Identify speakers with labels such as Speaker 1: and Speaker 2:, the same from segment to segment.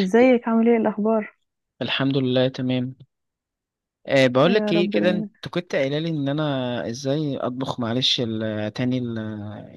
Speaker 1: ازيك، عامل ايه الاخبار؟
Speaker 2: الحمد لله تمام. بقول
Speaker 1: يا
Speaker 2: لك ايه
Speaker 1: رب
Speaker 2: كده،
Speaker 1: دايما.
Speaker 2: انت كنت قايله لي ان انا ازاي اطبخ، معلش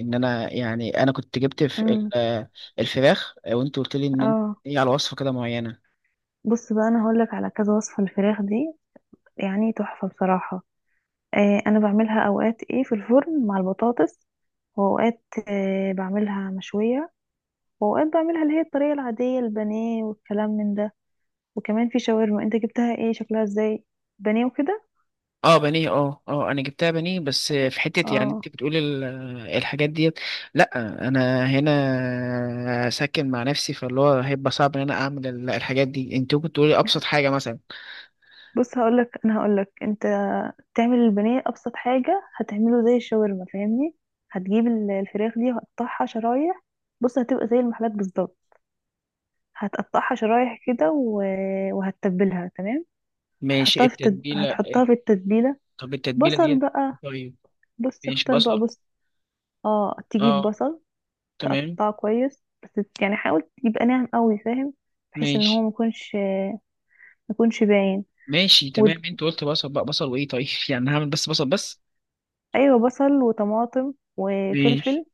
Speaker 2: ان انا كنت جبت في
Speaker 1: امم
Speaker 2: الفراخ، وانت قلت لي ان انت
Speaker 1: اه،
Speaker 2: ايه على وصفه كده معينه.
Speaker 1: بص بقى انا هقولك على كذا وصفه الفراخ دي. يعني تحفه بصراحه. انا بعملها اوقات ايه في الفرن مع البطاطس. واوقات بعملها مشويه. واوقات بعملها اللي هي الطريقه العاديه، البانيه والكلام من ده. وكمان في شاورما. انت جبتها ايه؟ شكلها ازاي؟ بانيه وكده.
Speaker 2: اه بانيه، اه اه انا جبتها بانيه، بس في حته يعني انت
Speaker 1: اه،
Speaker 2: بتقولي الحاجات ديت. لا انا هنا ساكن مع نفسي، فاللي هو هيبقى صعب ان انا اعمل الحاجات دي، انت ممكن تقولي ابسط حاجه مثلا.
Speaker 1: بص، انا هقولك انت تعمل البانيه، ابسط حاجه هتعمله زي الشاورما، فاهمني؟ هتجيب الفراخ دي وهتقطعها شرايح. بص هتبقى زي المحلات بالظبط. هتقطعها شرايح كده وهتتبلها، تمام.
Speaker 2: ماشي التتبيله.
Speaker 1: هتحطها في التتبيله.
Speaker 2: طب التتبيله
Speaker 1: بصل
Speaker 2: ديت.
Speaker 1: بقى.
Speaker 2: طيب
Speaker 1: بص،
Speaker 2: ماشي
Speaker 1: اختار بقى،
Speaker 2: بصل.
Speaker 1: بص. اه، تجيب
Speaker 2: اه
Speaker 1: بصل.
Speaker 2: تمام
Speaker 1: تقطعه كويس، بس يعني حاول يبقى ناعم قوي، فاهم؟ بحيث ان هو
Speaker 2: ماشي
Speaker 1: ميكونش باين.
Speaker 2: ماشي.
Speaker 1: وت...
Speaker 2: تمام انت قلت بصل بقى، بصل وايه طيب، يعني هعمل بس بصل بس.
Speaker 1: ايوه، بصل وطماطم وفلفل.
Speaker 2: ماشي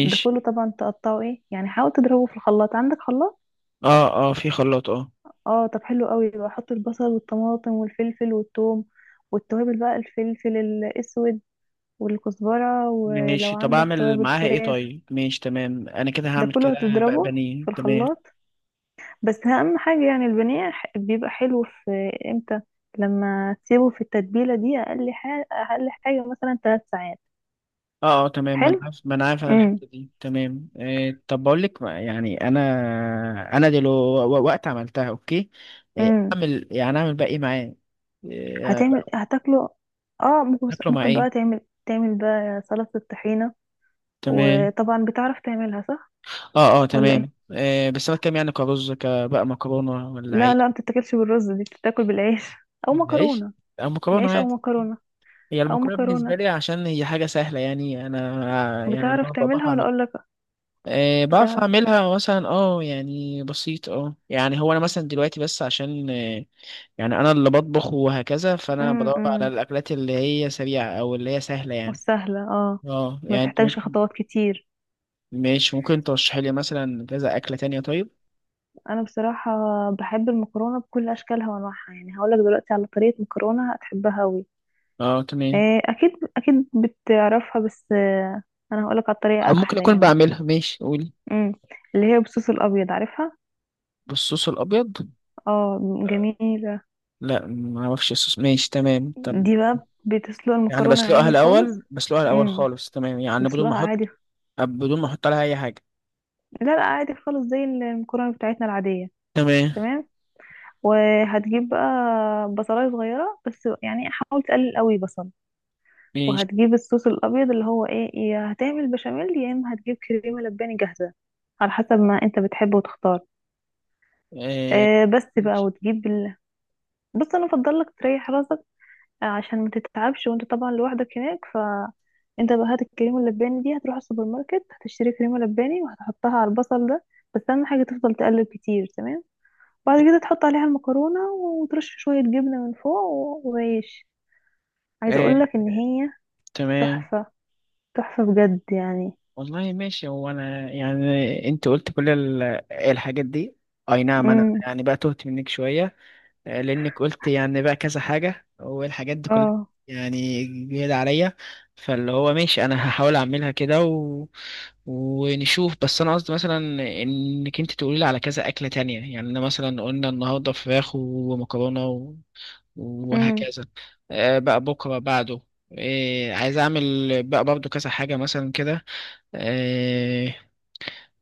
Speaker 1: ده كله طبعا تقطعه ايه، يعني حاول تضربه في الخلاط. عندك خلاط؟
Speaker 2: اه اه في خلاط اه.
Speaker 1: اه، طب حلو قوي بقى. حط البصل والطماطم والفلفل والثوم والتوابل بقى، الفلفل الاسود والكزبره، ولو
Speaker 2: ماشي، طب
Speaker 1: عندك
Speaker 2: اعمل
Speaker 1: توابل
Speaker 2: معاها ايه
Speaker 1: فراخ.
Speaker 2: طيب. ماشي تمام، انا كده
Speaker 1: ده
Speaker 2: هعمل
Speaker 1: كله
Speaker 2: كده بقى
Speaker 1: هتضربه
Speaker 2: بانيه.
Speaker 1: في
Speaker 2: تمام
Speaker 1: الخلاط. بس اهم حاجه يعني البانيه بيبقى حلو في امتى؟ لما تسيبه في التتبيله دي اقل حاجه، اقل حاجه مثلا 3 ساعات.
Speaker 2: اه اه تمام. ما انا
Speaker 1: حلو.
Speaker 2: عارف ما انا عارف انا الحته دي تمام طب بقول لك يعني انا دلوقتي وقت عملتها اوكي،
Speaker 1: امم
Speaker 2: اعمل بقى ايه معاه، آه،
Speaker 1: هتعمل،
Speaker 2: بقى-
Speaker 1: هتاكله. اه،
Speaker 2: اكله مع
Speaker 1: ممكن
Speaker 2: ايه.
Speaker 1: بقى تعمل بقى سلطة الطحينة.
Speaker 2: تمام
Speaker 1: وطبعا بتعرف تعملها صح؟
Speaker 2: اه اه
Speaker 1: ولا
Speaker 2: تمام.
Speaker 1: ايه؟
Speaker 2: بس انا كام يعني، كرز كبقى مكرونه ولا
Speaker 1: لا،
Speaker 2: عيش.
Speaker 1: لا، ما بتتاكلش بالرز دي، بتتاكل بالعيش او
Speaker 2: العيش
Speaker 1: مكرونة.
Speaker 2: او مكرونه
Speaker 1: العيش او
Speaker 2: عادي.
Speaker 1: مكرونة،
Speaker 2: هي
Speaker 1: او
Speaker 2: المكرونه بالنسبه
Speaker 1: مكرونة.
Speaker 2: لي عشان هي حاجه سهله، يعني انا، يعني اللي
Speaker 1: بتعرف
Speaker 2: هو بعرف
Speaker 1: تعملها ولا
Speaker 2: اعملها.
Speaker 1: اقول لك؟
Speaker 2: بعرف
Speaker 1: بتعرف.
Speaker 2: اعملها مثلا، اه يعني بسيط، اه يعني هو انا مثلا دلوقتي بس عشان يعني انا اللي بطبخ وهكذا، فانا بدور على
Speaker 1: امم
Speaker 2: الاكلات اللي هي سريعه او اللي هي سهله يعني.
Speaker 1: وسهلة، اه،
Speaker 2: اه
Speaker 1: ما
Speaker 2: يعني انت
Speaker 1: تحتاجش
Speaker 2: ممكن،
Speaker 1: خطوات كتير.
Speaker 2: ماشي ممكن ترشحي لي مثلا كذا اكله تانية طيب.
Speaker 1: انا بصراحة بحب المكرونة بكل اشكالها وانواعها، يعني هقول لك دلوقتي على طريقة مكرونة هتحبها قوي.
Speaker 2: اه تمام،
Speaker 1: اكيد اكيد بتعرفها، بس انا هقولك على الطريقه
Speaker 2: أو ممكن
Speaker 1: احلى
Speaker 2: اكون
Speaker 1: يعني.
Speaker 2: بعملها، ماشي قولي.
Speaker 1: امم اللي هي بالصوص الابيض، عارفها؟
Speaker 2: بالصوص الابيض.
Speaker 1: اه، جميله.
Speaker 2: لا ما اعرفش الصوص، ماشي تمام طب.
Speaker 1: دي بقى بتسلق
Speaker 2: يعني
Speaker 1: المكرونه
Speaker 2: بسلقها
Speaker 1: عادي خالص.
Speaker 2: الاول،
Speaker 1: امم
Speaker 2: خالص تمام، يعني بدون ما
Speaker 1: بتسلقها عادي.
Speaker 2: احط، عليها اي حاجه.
Speaker 1: لا، لا، عادي خالص، زي المكرونه بتاعتنا العاديه.
Speaker 2: تمام
Speaker 1: تمام. وهتجيب بقى بصلايه صغيره، بس يعني حاول تقلل قوي بصل.
Speaker 2: ماشي.
Speaker 1: وهتجيب الصوص الابيض، اللي هو ايه، يا هتعمل بشاميل يا اما هتجيب كريمه لباني جاهزه، على حسب ما انت بتحبه وتختار.
Speaker 2: آه.
Speaker 1: بس بقى
Speaker 2: ماشي.
Speaker 1: وتجيب بص، انا افضل لك تريح راسك، عشان ما تتعبش، وانت طبعا لوحدك هناك. فانت بقى هات الكريمه اللباني دي، هتروح السوبر ماركت، هتشتري كريمه لباني وهتحطها على البصل ده. بس اهم حاجه تفضل تقلب كتير، تمام. بعد كده تحط عليها المكرونه، وترش شويه جبنه من فوق وعيش. عايزه
Speaker 2: آه.
Speaker 1: اقول لك ان هي
Speaker 2: تمام
Speaker 1: تحفه، تحفه بجد يعني.
Speaker 2: والله ماشي، هو انا يعني انت قلت كل الحاجات دي. اي نعم انا
Speaker 1: امم
Speaker 2: يعني بقى تهت منك شويه، لانك قلت يعني بقى كذا حاجه، والحاجات دي كلها
Speaker 1: اه،
Speaker 2: يعني جديده عليا. فاللي هو ماشي، انا هحاول اعملها كده ونشوف. بس انا قصدي مثلا انك انت تقولي لي على كذا اكله تانية. يعني انا مثلا قلنا النهارده فراخ ومكرونه
Speaker 1: امم
Speaker 2: وهكذا. بقى بكره بعده، عايز اعمل بقى برضو كذا حاجه مثلا كده. آه،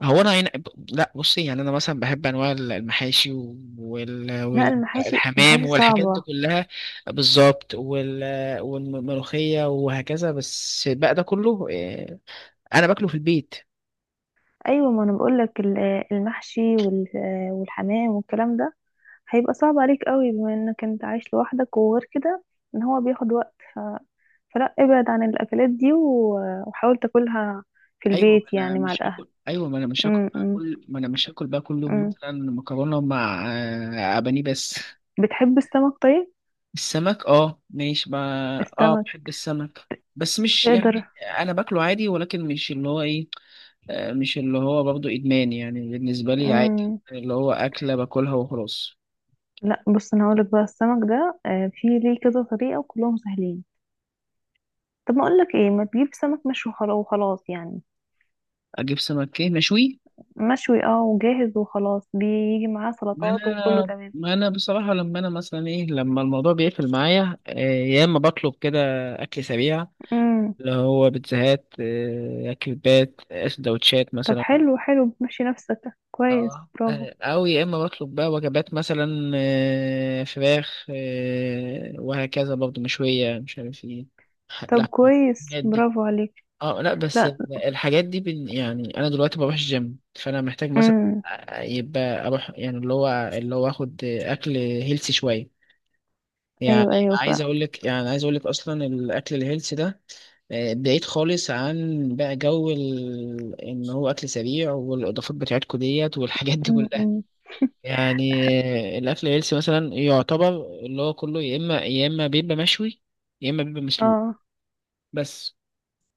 Speaker 2: هو انا هنا، لا بصي، يعني انا مثلا بحب انواع المحاشي وال...
Speaker 1: لا،
Speaker 2: وال...
Speaker 1: المحاشي
Speaker 2: والحمام
Speaker 1: المحاشي
Speaker 2: والحاجات دي
Speaker 1: صعبه.
Speaker 2: كلها بالظبط، والملوخيه وهكذا. بس بقى ده كله، انا باكله في البيت.
Speaker 1: ايوه، ما انا بقول لك، المحشي والحمام والكلام ده هيبقى صعب عليك قوي، بما انك انت عايش لوحدك وغير كده. ان هو بياخد وقت فلا ابعد عن الاكلات دي وحاول تاكلها في
Speaker 2: ايوه ما
Speaker 1: البيت
Speaker 2: انا
Speaker 1: يعني مع
Speaker 2: مش
Speaker 1: الاهل.
Speaker 2: هاكل، ايوه ما انا مش هاكل
Speaker 1: م -م
Speaker 2: هاكل، ما انا مش هاكل بقى كل يوم
Speaker 1: -م.
Speaker 2: مثلا مكرونه مع، بانيه بس.
Speaker 1: بتحب السمك؟ طيب.
Speaker 2: السمك اه ماشي، ما اه
Speaker 1: السمك
Speaker 2: بحب السمك، بس مش
Speaker 1: تقدر.
Speaker 2: يعني انا باكله عادي، ولكن مش اللي هو ايه، مش اللي هو برضه إدمان يعني. بالنسبة لي عادي،
Speaker 1: م
Speaker 2: اللي هو أكلة باكلها وخلاص.
Speaker 1: لا، بص انا هقولك بقى السمك ده، في ليه كذا طريقة وكلهم سهلين. طب، ما اقولك ايه، ما تجيب سمك مشوي وخلاص يعني.
Speaker 2: أجيب سمك إيه مشوي.
Speaker 1: مشوي، اه، وجاهز وخلاص. بيجي معاه
Speaker 2: ما
Speaker 1: سلطات وكله
Speaker 2: أنا
Speaker 1: تمام.
Speaker 2: ما أنا بصراحة لما أنا مثلا إيه، لما الموضوع بيقفل معايا، يا إما بطلب كده أكل سريع،
Speaker 1: م.
Speaker 2: اللي هو بيتزاهات، كريبات، سندوتشات
Speaker 1: طب،
Speaker 2: مثلا.
Speaker 1: حلو حلو، بتمشي نفسك كويس،
Speaker 2: اه،
Speaker 1: برافو.
Speaker 2: أو يا إما بطلب بقى وجبات مثلا، فراخ، وهكذا برضه مشوية، مش عارف إيه،
Speaker 1: طب
Speaker 2: لحمة.
Speaker 1: كويس، برافو عليك.
Speaker 2: اه لا، بس
Speaker 1: لا.
Speaker 2: الحاجات دي، يعني انا دلوقتي بروح الجيم، فانا محتاج مثلا،
Speaker 1: امم
Speaker 2: يبقى اروح يعني اللي هو، اخد اكل هيلسي شويه. يعني
Speaker 1: ايوه، ايوه. ف
Speaker 2: عايز اقول لك، اصلا الاكل الهيلسي ده، بعيد خالص عن بقى جو ان هو اكل سريع، والاضافات بتاعتكم ديت والحاجات دي كلها
Speaker 1: أمم.
Speaker 2: يعني. الاكل الهيلسي مثلا يعتبر اللي هو كله، يا اما بيبقى مشوي، يا اما بيبقى مسلوق
Speaker 1: اه،
Speaker 2: بس.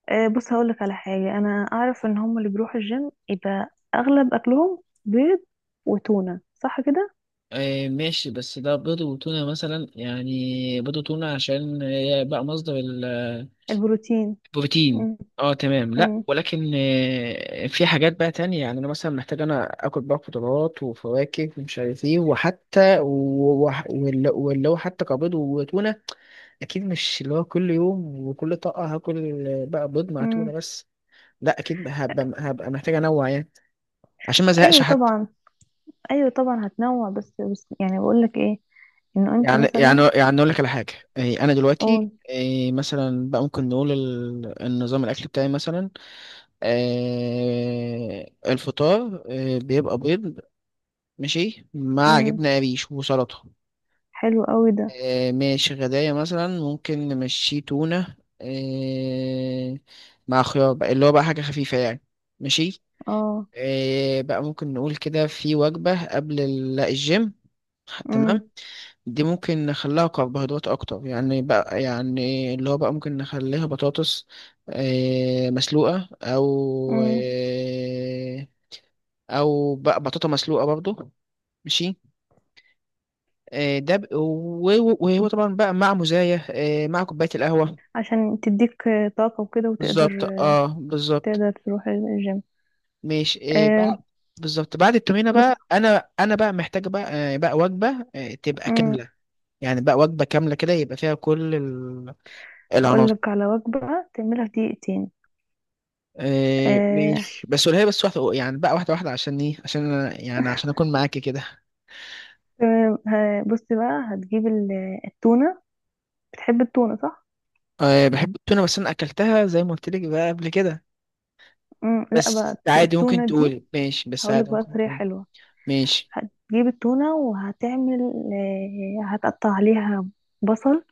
Speaker 1: بص هقول لك على حاجه. انا اعرف ان هم اللي بيروحوا الجيم يبقى اغلب اكلهم بيض وتونه، صح كده؟
Speaker 2: ماشي، بس ده بيض وتونة مثلا يعني، بيض وتونة عشان بقى مصدر
Speaker 1: البروتين.
Speaker 2: البروتين.
Speaker 1: امم
Speaker 2: اه تمام، لا
Speaker 1: امم
Speaker 2: ولكن في حاجات بقى تانية. يعني انا مثلا محتاج انا اكل بقى خضروات وفواكه ومش عارف ايه، وحتى واللي هو حتى كبيض وتونة اكيد مش اللي هو كل يوم وكل طاقة هاكل، بقى بيض مع تونة
Speaker 1: امم
Speaker 2: بس. لا اكيد هبقى، محتاج انوع يعني عشان ما ازهقش
Speaker 1: ايوه
Speaker 2: حتى.
Speaker 1: طبعا، ايوه طبعا هتنوع، بس بس يعني بقول لك ايه، انه انت مثلا،
Speaker 2: يعني اقول لك على حاجه. إيه، انا دلوقتي
Speaker 1: قول.
Speaker 2: إيه، مثلا بقى ممكن نقول النظام الاكل بتاعي مثلا. إيه، الفطار إيه، بيبقى بيض، ماشي مع
Speaker 1: امم
Speaker 2: جبنه قريش وسلطه.
Speaker 1: حلو قوي ده.
Speaker 2: إيه، ماشي غدايا مثلا ممكن نمشيه تونه، إيه، مع خيار، بقى اللي هو بقى حاجه خفيفه يعني. ماشي.
Speaker 1: اه،
Speaker 2: إيه، بقى ممكن نقول كده في وجبه قبل الجيم. تمام،
Speaker 1: امم
Speaker 2: دي ممكن نخليها كربوهيدرات اكتر يعني، بقى يعني اللي هو بقى ممكن نخليها بطاطس، مسلوقة او
Speaker 1: امم
Speaker 2: او بقى بطاطا مسلوقة برضو. ماشي، ده وهو طبعا بقى مع مزايا، مع كوباية القهوة.
Speaker 1: عشان تديك طاقه وكده، وتقدر
Speaker 2: بالظبط اه بالظبط.
Speaker 1: تروح الجيم.
Speaker 2: ماشي،
Speaker 1: آه،
Speaker 2: بقى بالظبط، بعد التمرينة
Speaker 1: بص.
Speaker 2: بقى انا، بقى محتاج بقى، بقى وجبة، تبقى
Speaker 1: امم
Speaker 2: كاملة. يعني بقى وجبة كاملة كده، يبقى فيها كل ال-
Speaker 1: هقول
Speaker 2: العناصر
Speaker 1: لك على وجبة تعملها في دقيقتين.
Speaker 2: إيه
Speaker 1: آه
Speaker 2: ماشي، بس قولها لي بس واحدة، يعني بقى واحدة واحدة عشان ايه، عشان أنا يعني عشان أكون معاكي كده.
Speaker 1: تمام. بصي بقى، هتجيب التونة. بتحب التونة صح؟
Speaker 2: إيه بحب التونة، بس أنا أكلتها زي ما قلت لك بقى قبل كده.
Speaker 1: لا، بقى
Speaker 2: بس عادي ممكن
Speaker 1: التونة دي
Speaker 2: تقولي، ماشي بس
Speaker 1: هقول لك
Speaker 2: عادي
Speaker 1: بقى
Speaker 2: ممكن
Speaker 1: طريقة
Speaker 2: تقولي.
Speaker 1: حلوة.
Speaker 2: ماشي،
Speaker 1: هتجيب التونة، وهتعمل هتقطع عليها بصل،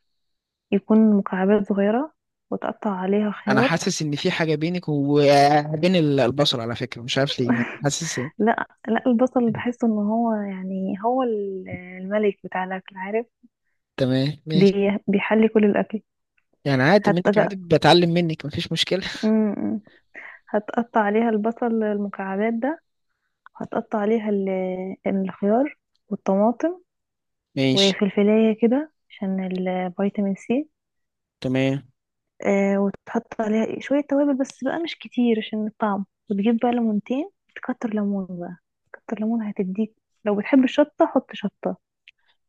Speaker 1: يكون مكعبات صغيرة، وتقطع عليها
Speaker 2: أنا
Speaker 1: خيار.
Speaker 2: حاسس إن في حاجة بينك وبين البصل على فكرة، مش عارف ليه، يعني حاسس.
Speaker 1: لا، لا، البصل بحس ان هو يعني هو الملك بتاع الاكل، عارف؟
Speaker 2: تمام ماشي.
Speaker 1: بيحلي كل الاكل
Speaker 2: يعني عادي
Speaker 1: حتى.
Speaker 2: منك، عادي بتعلم منك مفيش مشكلة.
Speaker 1: بقى هتقطع عليها البصل المكعبات ده، وهتقطع عليها الخيار والطماطم
Speaker 2: ماشي
Speaker 1: وفلفلاية كده عشان الفيتامين سي.
Speaker 2: تمام.
Speaker 1: وتحط عليها شوية توابل بس بقى مش كتير عشان الطعم، وتجيب بقى ليمونتين، تكتر ليمون بقى. كتر ليمون هتديك. لو بتحب الشطة حط شطة.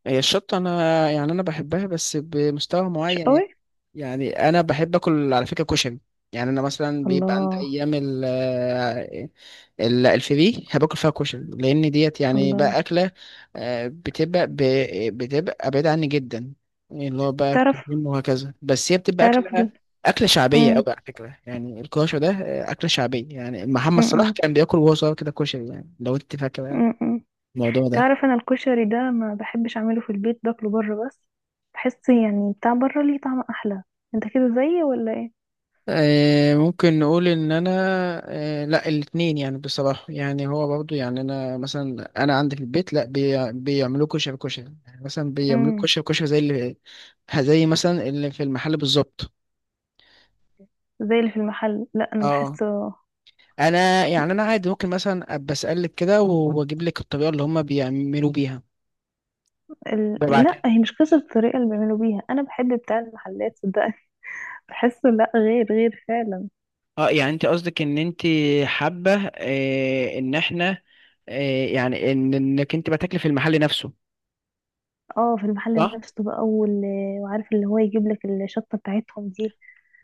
Speaker 2: هي الشطة أنا، يعني أنا بحبها بس بمستوى
Speaker 1: مش
Speaker 2: معين يعني.
Speaker 1: قوي.
Speaker 2: يعني انا بحب اكل على فكره كشري. يعني انا مثلا بيبقى عند
Speaker 1: الله،
Speaker 2: ايام الفري هباكل فيها كشري، لان ديت يعني
Speaker 1: الله.
Speaker 2: بقى اكله، بتبقى بعيده عني جدا. يعني اللي هو بقى
Speaker 1: تعرف،
Speaker 2: كريم وهكذا، بس هي بتبقى
Speaker 1: تعرف
Speaker 2: اكله، شعبيه
Speaker 1: م-
Speaker 2: قوي على فكره. يعني الكشري ده، اكله شعبيه. يعني
Speaker 1: م-
Speaker 2: محمد صلاح
Speaker 1: م-
Speaker 2: كان بياكل وهو صغير كده كشري، يعني لو انت فاكره
Speaker 1: م- م.
Speaker 2: الموضوع ده.
Speaker 1: تعرف انا الكشري ده ما بحبش اعمله في البيت، باكله بره بس. بحس يعني بتاع بره ليه طعم احلى. انت كده زيي ولا ايه؟
Speaker 2: ممكن نقول ان انا، لا الاثنين يعني بصراحه، يعني هو برضو يعني انا مثلا، انا عندي في البيت لا بيعملوا كشري كشري، يعني مثلا بيعملوا
Speaker 1: امم
Speaker 2: كشري كشري زي مثلا اللي في المحل بالظبط.
Speaker 1: زي اللي في المحل؟ لا، انا
Speaker 2: اه
Speaker 1: بحسه
Speaker 2: انا، يعني عادي ممكن مثلا ابقى اسالك كده واجيب لك الطريقه اللي هم بيعملوا بيها،
Speaker 1: لا،
Speaker 2: ببعتها.
Speaker 1: هي مش قصة الطريقة اللي بيعملوا بيها، انا بحب بتاع المحلات صدقني. بحسه، لا، غير غير فعلا.
Speaker 2: اه يعني انت قصدك ان انت حابه، ان احنا، يعني ان انك انت بتاكلي في المحل نفسه.
Speaker 1: اه، في المحل
Speaker 2: صح
Speaker 1: نفسه بقى وعارف اللي هو يجيب لك الشطة بتاعتهم دي.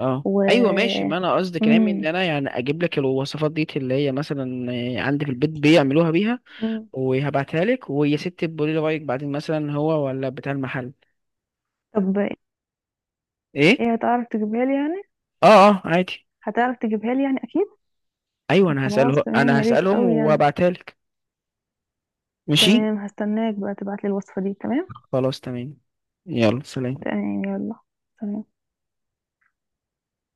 Speaker 2: اه
Speaker 1: و
Speaker 2: ايوه ماشي، ما انا قصدي كلامي ان
Speaker 1: امم
Speaker 2: انا يعني اجيب لك الوصفات دي اللي هي مثلا عندي في البيت بيعملوها بيها،
Speaker 1: امم
Speaker 2: وهبعتها لك ويا ست تقولي لي رايك بعدين، مثلا هو ولا بتاع المحل.
Speaker 1: طب،
Speaker 2: ايه
Speaker 1: ايه، هتعرف تجيبها لي يعني؟
Speaker 2: اه اه عادي.
Speaker 1: هتعرف تجيبها لي يعني، اكيد.
Speaker 2: ايوه
Speaker 1: طب خلاص تمام،
Speaker 2: انا
Speaker 1: يا ريت
Speaker 2: هسالهم
Speaker 1: قوي يعني.
Speaker 2: وابعتها لك. ماشي
Speaker 1: تمام، هستناك بقى تبعتلي الوصفة دي، تمام.
Speaker 2: خلاص تمام. يلا سلام.
Speaker 1: تمام، يلا، سلام.